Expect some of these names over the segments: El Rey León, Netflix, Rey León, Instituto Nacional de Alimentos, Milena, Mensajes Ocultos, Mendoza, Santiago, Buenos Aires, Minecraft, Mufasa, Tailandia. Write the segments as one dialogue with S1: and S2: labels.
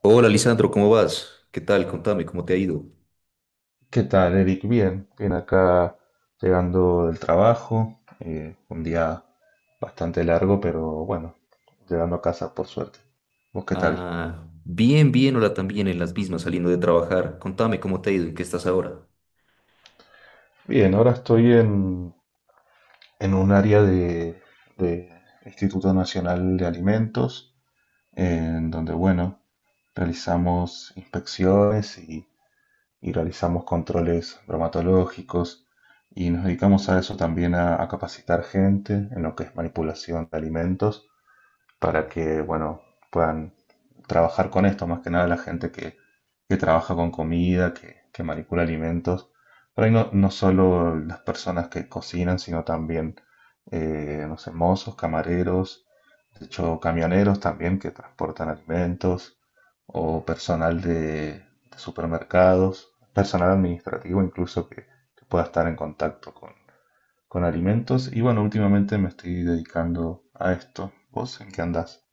S1: Hola Lisandro, ¿cómo vas? ¿Qué tal? Contame, ¿cómo te ha ido?
S2: ¿Qué tal, Eric? Bien, bien acá llegando del trabajo, un día bastante largo, pero bueno, llegando a casa por suerte. ¿Vos qué tal?
S1: Ah, bien, bien, hola también, en las mismas, saliendo de trabajar. Contame, ¿cómo te ha ido? ¿En qué estás ahora?
S2: Bien, ahora estoy en un área de Instituto Nacional de Alimentos, en donde, bueno, realizamos inspecciones y realizamos controles bromatológicos y nos dedicamos a eso también, a capacitar gente en lo que es manipulación de alimentos para que, bueno, puedan trabajar con esto, más que nada la gente que trabaja con comida, que manipula alimentos. Por ahí no, no solo las personas que cocinan, sino también, no sé, mozos, camareros, de hecho, camioneros también que transportan alimentos, o personal de supermercados, personal administrativo incluso que pueda estar en contacto con alimentos. Y bueno, últimamente me estoy dedicando a esto. ¿Vos en qué andás?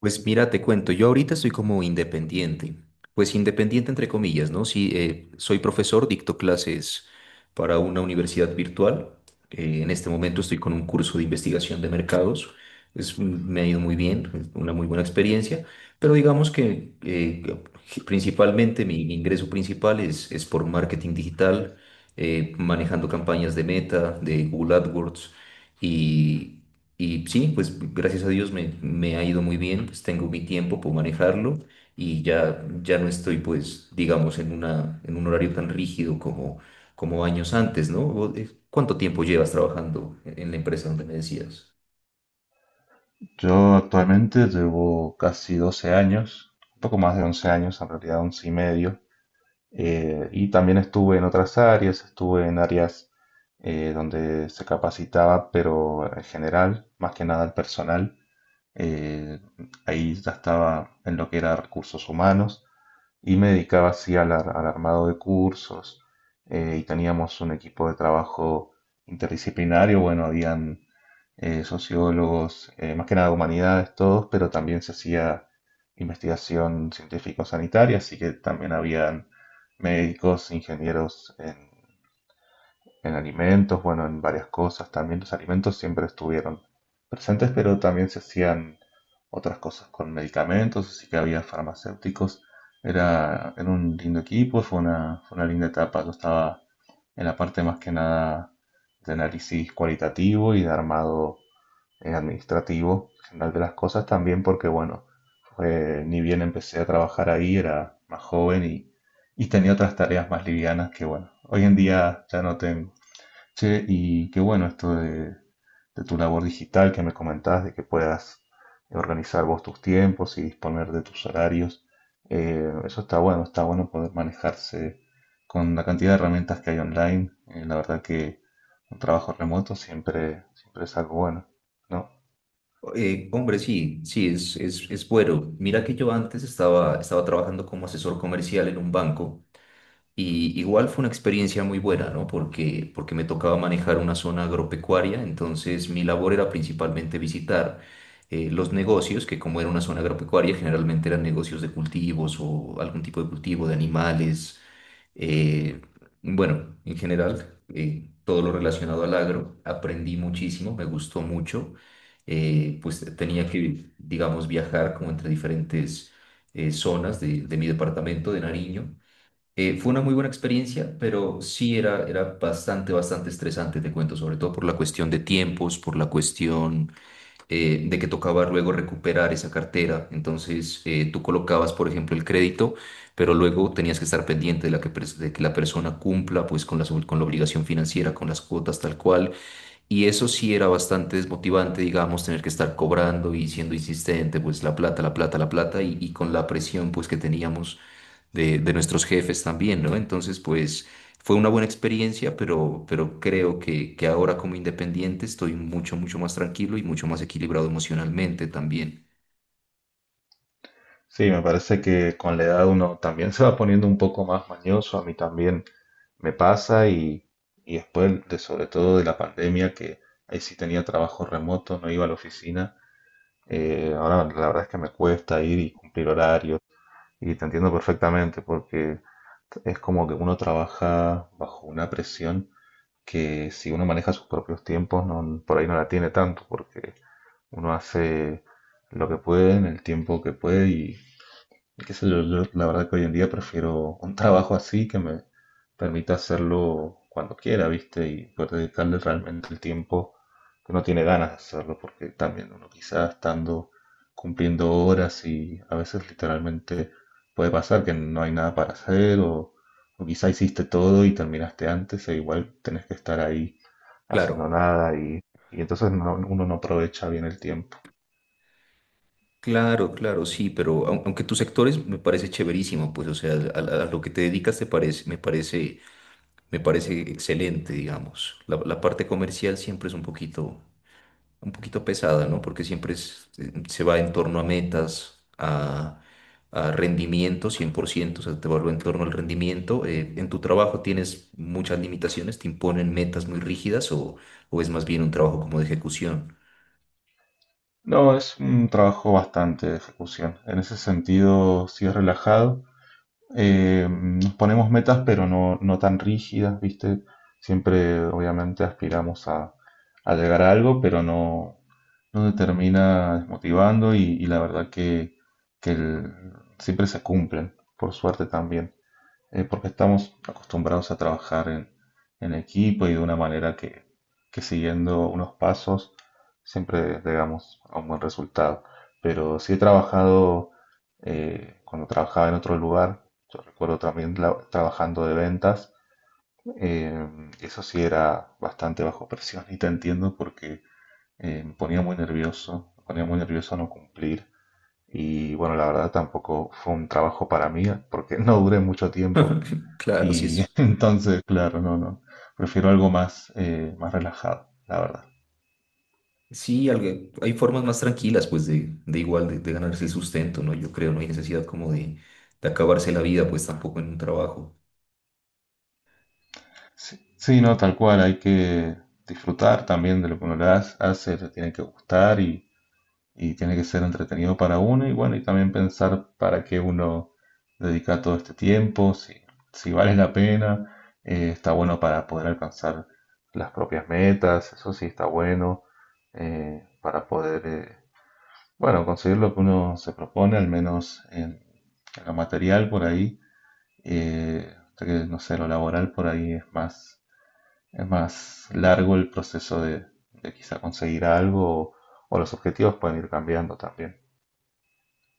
S1: Pues mira, te cuento, yo ahorita estoy como independiente, pues independiente entre comillas, ¿no? Sí, soy profesor, dicto clases para una universidad virtual. En este momento estoy con un curso de investigación de mercados. Me ha ido muy bien, es una muy buena experiencia, pero digamos que principalmente mi ingreso principal es por marketing digital, manejando campañas de Meta, de Google AdWords y y sí, pues gracias a Dios me ha ido muy bien, pues tengo mi tiempo, puedo manejarlo y ya no estoy pues, digamos, en en un horario tan rígido como, como años antes, ¿no? ¿Cuánto tiempo llevas trabajando en la empresa donde me decías?
S2: Yo actualmente llevo casi 12 años, un poco más de 11 años, en realidad 11 y medio, y también estuve en otras áreas, estuve en áreas donde se capacitaba, pero en general, más que nada el personal. Eh, Ahí ya estaba en lo que era recursos humanos. Y me dedicaba así al, al armado de cursos y teníamos un equipo de trabajo interdisciplinario. Bueno, habían sociólogos, más que nada humanidades todos, pero también se hacía investigación científico-sanitaria, así que también habían médicos, ingenieros en alimentos, bueno, en varias cosas. También los alimentos siempre estuvieron presentes, pero también se hacían otras cosas con medicamentos, así que había farmacéuticos. Era un lindo equipo, fue una linda etapa. Yo estaba en la parte más que nada de análisis cualitativo y de armado administrativo general de las cosas también porque, bueno, ni bien empecé a trabajar ahí, era más joven y tenía otras tareas más livianas que, bueno, hoy en día ya no tengo. Che, y qué bueno esto de tu labor digital que me comentabas, de que puedas organizar vos tus tiempos y disponer de tus horarios. Eso está bueno poder manejarse con la cantidad de herramientas que hay online. La verdad que un trabajo remoto siempre, siempre es algo bueno, ¿no?
S1: Hombre, sí, sí, es bueno. Mira que yo antes estaba trabajando como asesor comercial en un banco. Y igual fue una experiencia muy buena, ¿no? Porque me tocaba manejar una zona agropecuaria, entonces mi labor era principalmente visitar los negocios, que como era una zona agropecuaria, generalmente eran negocios de cultivos o algún tipo de cultivo de animales, eh, bueno, en general, todo lo relacionado al agro. Aprendí muchísimo, me gustó mucho, pues tenía que, digamos, viajar como entre diferentes zonas de mi departamento de Nariño. Fue una muy buena experiencia, pero sí era bastante, bastante estresante, te cuento, sobre todo por la cuestión de tiempos, por la cuestión de que tocaba luego recuperar esa cartera. Entonces, tú colocabas, por ejemplo, el crédito, pero luego tenías que estar pendiente de que la persona cumpla pues, con con la obligación financiera, con las cuotas tal cual, y eso sí era bastante desmotivante, digamos, tener que estar cobrando y siendo insistente, pues la plata, la plata, la plata, y con la presión, pues, que teníamos de nuestros jefes también, ¿no? Entonces, pues, fue una buena experiencia, pero creo que ahora como independiente estoy mucho, mucho más tranquilo y mucho más equilibrado emocionalmente también.
S2: Sí, me parece que con la edad uno también se va poniendo un poco más mañoso, a mí también me pasa y después de sobre todo de la pandemia que ahí sí tenía trabajo remoto, no iba a la oficina, ahora la verdad es que me cuesta ir y cumplir horarios y te entiendo perfectamente porque es como que uno trabaja bajo una presión que si uno maneja sus propios tiempos no, por ahí no la tiene tanto porque uno hace lo que puede en el tiempo que puede y qué sé yo, yo la verdad que hoy en día prefiero un trabajo así que me permita hacerlo cuando quiera, ¿viste? Y poder dedicarle realmente el tiempo que uno tiene ganas de hacerlo, porque también uno quizás estando cumpliendo horas y a veces literalmente puede pasar que no hay nada para hacer o quizá hiciste todo y terminaste antes e igual tenés que estar ahí
S1: Claro,
S2: haciendo nada y, y entonces uno no aprovecha bien el tiempo.
S1: claro, claro, sí, pero aunque tus sectores me parece chéverísimo, pues, o sea, a lo que te dedicas me parece. Me parece excelente, digamos. La parte comercial siempre es un poquito pesada, ¿no? Porque siempre se va en torno a metas, a rendimiento, 100%, o sea, te vuelve en torno al rendimiento. ¿En tu trabajo tienes muchas limitaciones? ¿Te imponen metas muy rígidas o es más bien un trabajo como de ejecución?
S2: No, es un trabajo bastante de ejecución. En ese sentido, sí es relajado. Nos ponemos metas, pero no, no tan rígidas, ¿viste? Siempre, obviamente, aspiramos a llegar a algo, pero no, no te termina desmotivando y la verdad que, que el- siempre se cumplen, por suerte también porque estamos acostumbrados a trabajar en equipo y de una manera que siguiendo unos pasos siempre llegamos a un buen resultado. Pero sí he trabajado cuando trabajaba en otro lugar, yo recuerdo también trabajando de ventas, eso sí era bastante bajo presión y te entiendo porque me ponía muy nervioso, me ponía muy nervioso no cumplir. Y bueno, la verdad tampoco fue un trabajo para mí porque no duré mucho tiempo
S1: Claro, sí
S2: y
S1: es.
S2: entonces, claro, no, no. Prefiero algo más, más relajado, la verdad.
S1: Sí, hay formas más tranquilas, pues, de igual, de ganarse el sustento, ¿no? Yo creo, no hay necesidad como de acabarse la vida, pues, tampoco en un trabajo.
S2: Sí, sí, no, tal cual, hay que disfrutar también de lo que uno le hace, hace, le tiene que gustar y tiene que ser entretenido para uno y bueno, y también pensar para qué uno dedica todo este tiempo, si, si vale la pena, está bueno para poder alcanzar las propias metas, eso sí está bueno, eh, para poder... eh, bueno, conseguir lo que uno se propone, al menos en lo material por ahí, hasta que, no sé, lo laboral por ahí es más largo el proceso de quizá conseguir algo o los objetivos pueden ir cambiando también.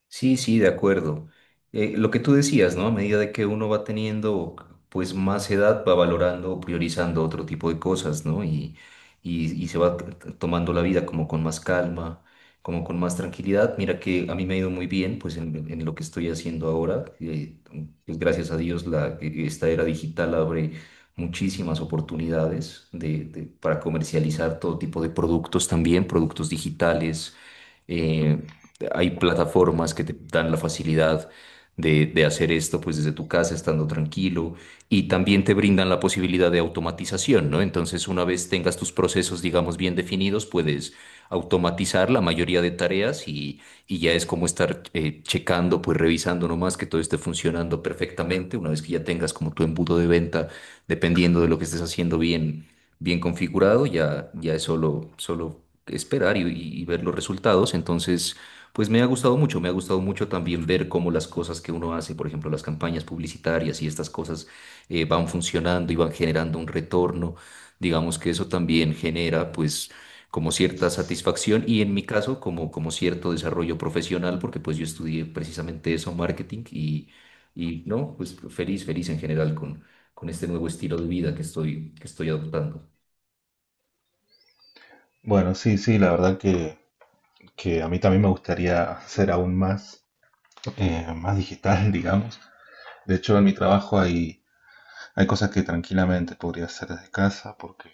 S1: Sí, sí, de acuerdo. Lo que tú decías, ¿no? A medida de que uno va teniendo pues más edad, va valorando, o priorizando otro tipo de cosas, ¿no? Y se va tomando la vida como con más calma, como con más tranquilidad. Mira que a mí me ha ido muy bien pues en lo que estoy haciendo ahora. Pues, gracias a Dios esta era digital abre muchísimas oportunidades para comercializar todo tipo de productos también, productos digitales. eh, Hay plataformas que te dan la facilidad de hacer esto pues desde tu casa, estando tranquilo, y también te brindan la posibilidad de automatización, ¿no? Entonces, una vez tengas tus procesos, digamos, bien definidos, puedes automatizar la mayoría de tareas y ya es como estar checando, pues revisando nomás que todo esté funcionando perfectamente, una vez que ya tengas como tu embudo de venta, dependiendo de lo que estés haciendo bien. Bien configurado, ya es solo esperar y ver los resultados. Entonces, pues me ha gustado mucho, me ha gustado mucho también ver cómo las cosas que uno hace, por ejemplo, las campañas publicitarias y estas cosas van funcionando y van generando un retorno. Digamos que eso también genera pues como cierta satisfacción y en mi caso como, como cierto desarrollo profesional, porque pues yo estudié precisamente eso, marketing, y no, pues feliz, feliz en general con este nuevo estilo de vida que estoy adoptando.
S2: Bueno, sí, sí, la verdad que a mí también me gustaría ser aún más, más digital, digamos. De hecho, en mi trabajo hay, hay cosas que tranquilamente podría hacer desde casa porque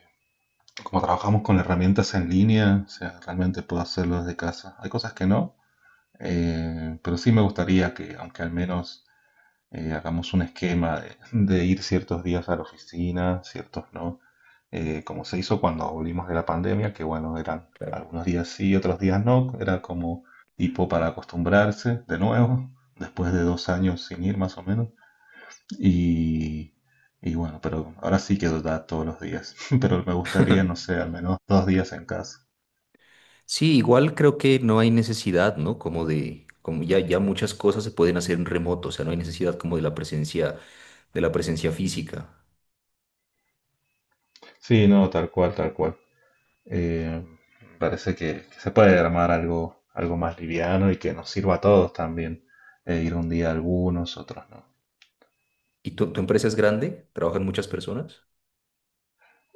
S2: como trabajamos con herramientas en línea, o sea, realmente puedo hacerlo desde casa. Hay cosas que no, pero sí me gustaría que, aunque al menos hagamos un esquema de ir ciertos días a la oficina, ciertos no, como se hizo cuando volvimos de la pandemia, que bueno, eran
S1: Claro.
S2: algunos días sí, otros días no, era como tipo para acostumbrarse de nuevo, después de 2 años sin ir más o menos, y, y bueno, pero ahora sí que da todos los días, pero me gustaría, no sé, al menos 2 días en casa.
S1: Sí, igual creo que no hay necesidad, ¿no? Como de, como ya, ya muchas cosas se pueden hacer en remoto, o sea, no hay necesidad como de la presencia física.
S2: Sí, no, tal cual, tal cual. Eh, Parece que se puede armar algo, algo más liviano y que nos sirva a todos también. Ir un día algunos, otros no.
S1: ¿Y tu empresa es grande? ¿Trabajan muchas personas?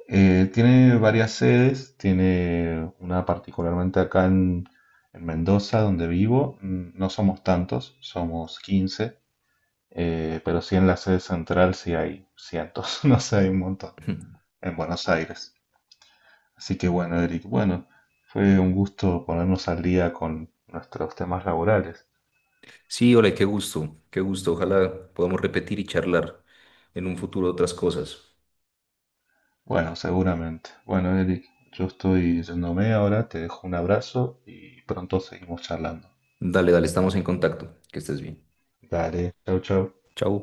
S2: Tiene varias sedes, tiene una particularmente acá en Mendoza, donde vivo. Mm, no somos tantos, somos 15, pero sí en la sede central sí hay cientos, no sé, hay un montón. En Buenos Aires. Así que bueno, Eric, bueno, fue un gusto ponernos al día con nuestros temas laborales.
S1: Sí, hola, qué gusto, qué gusto. Ojalá podamos repetir y charlar en un futuro otras cosas.
S2: Bueno, seguramente. Bueno, Eric, yo estoy yéndome ahora, te dejo un abrazo y pronto seguimos charlando.
S1: Dale, dale, estamos en contacto. Que estés bien.
S2: Dale, chau, chau.
S1: Chao.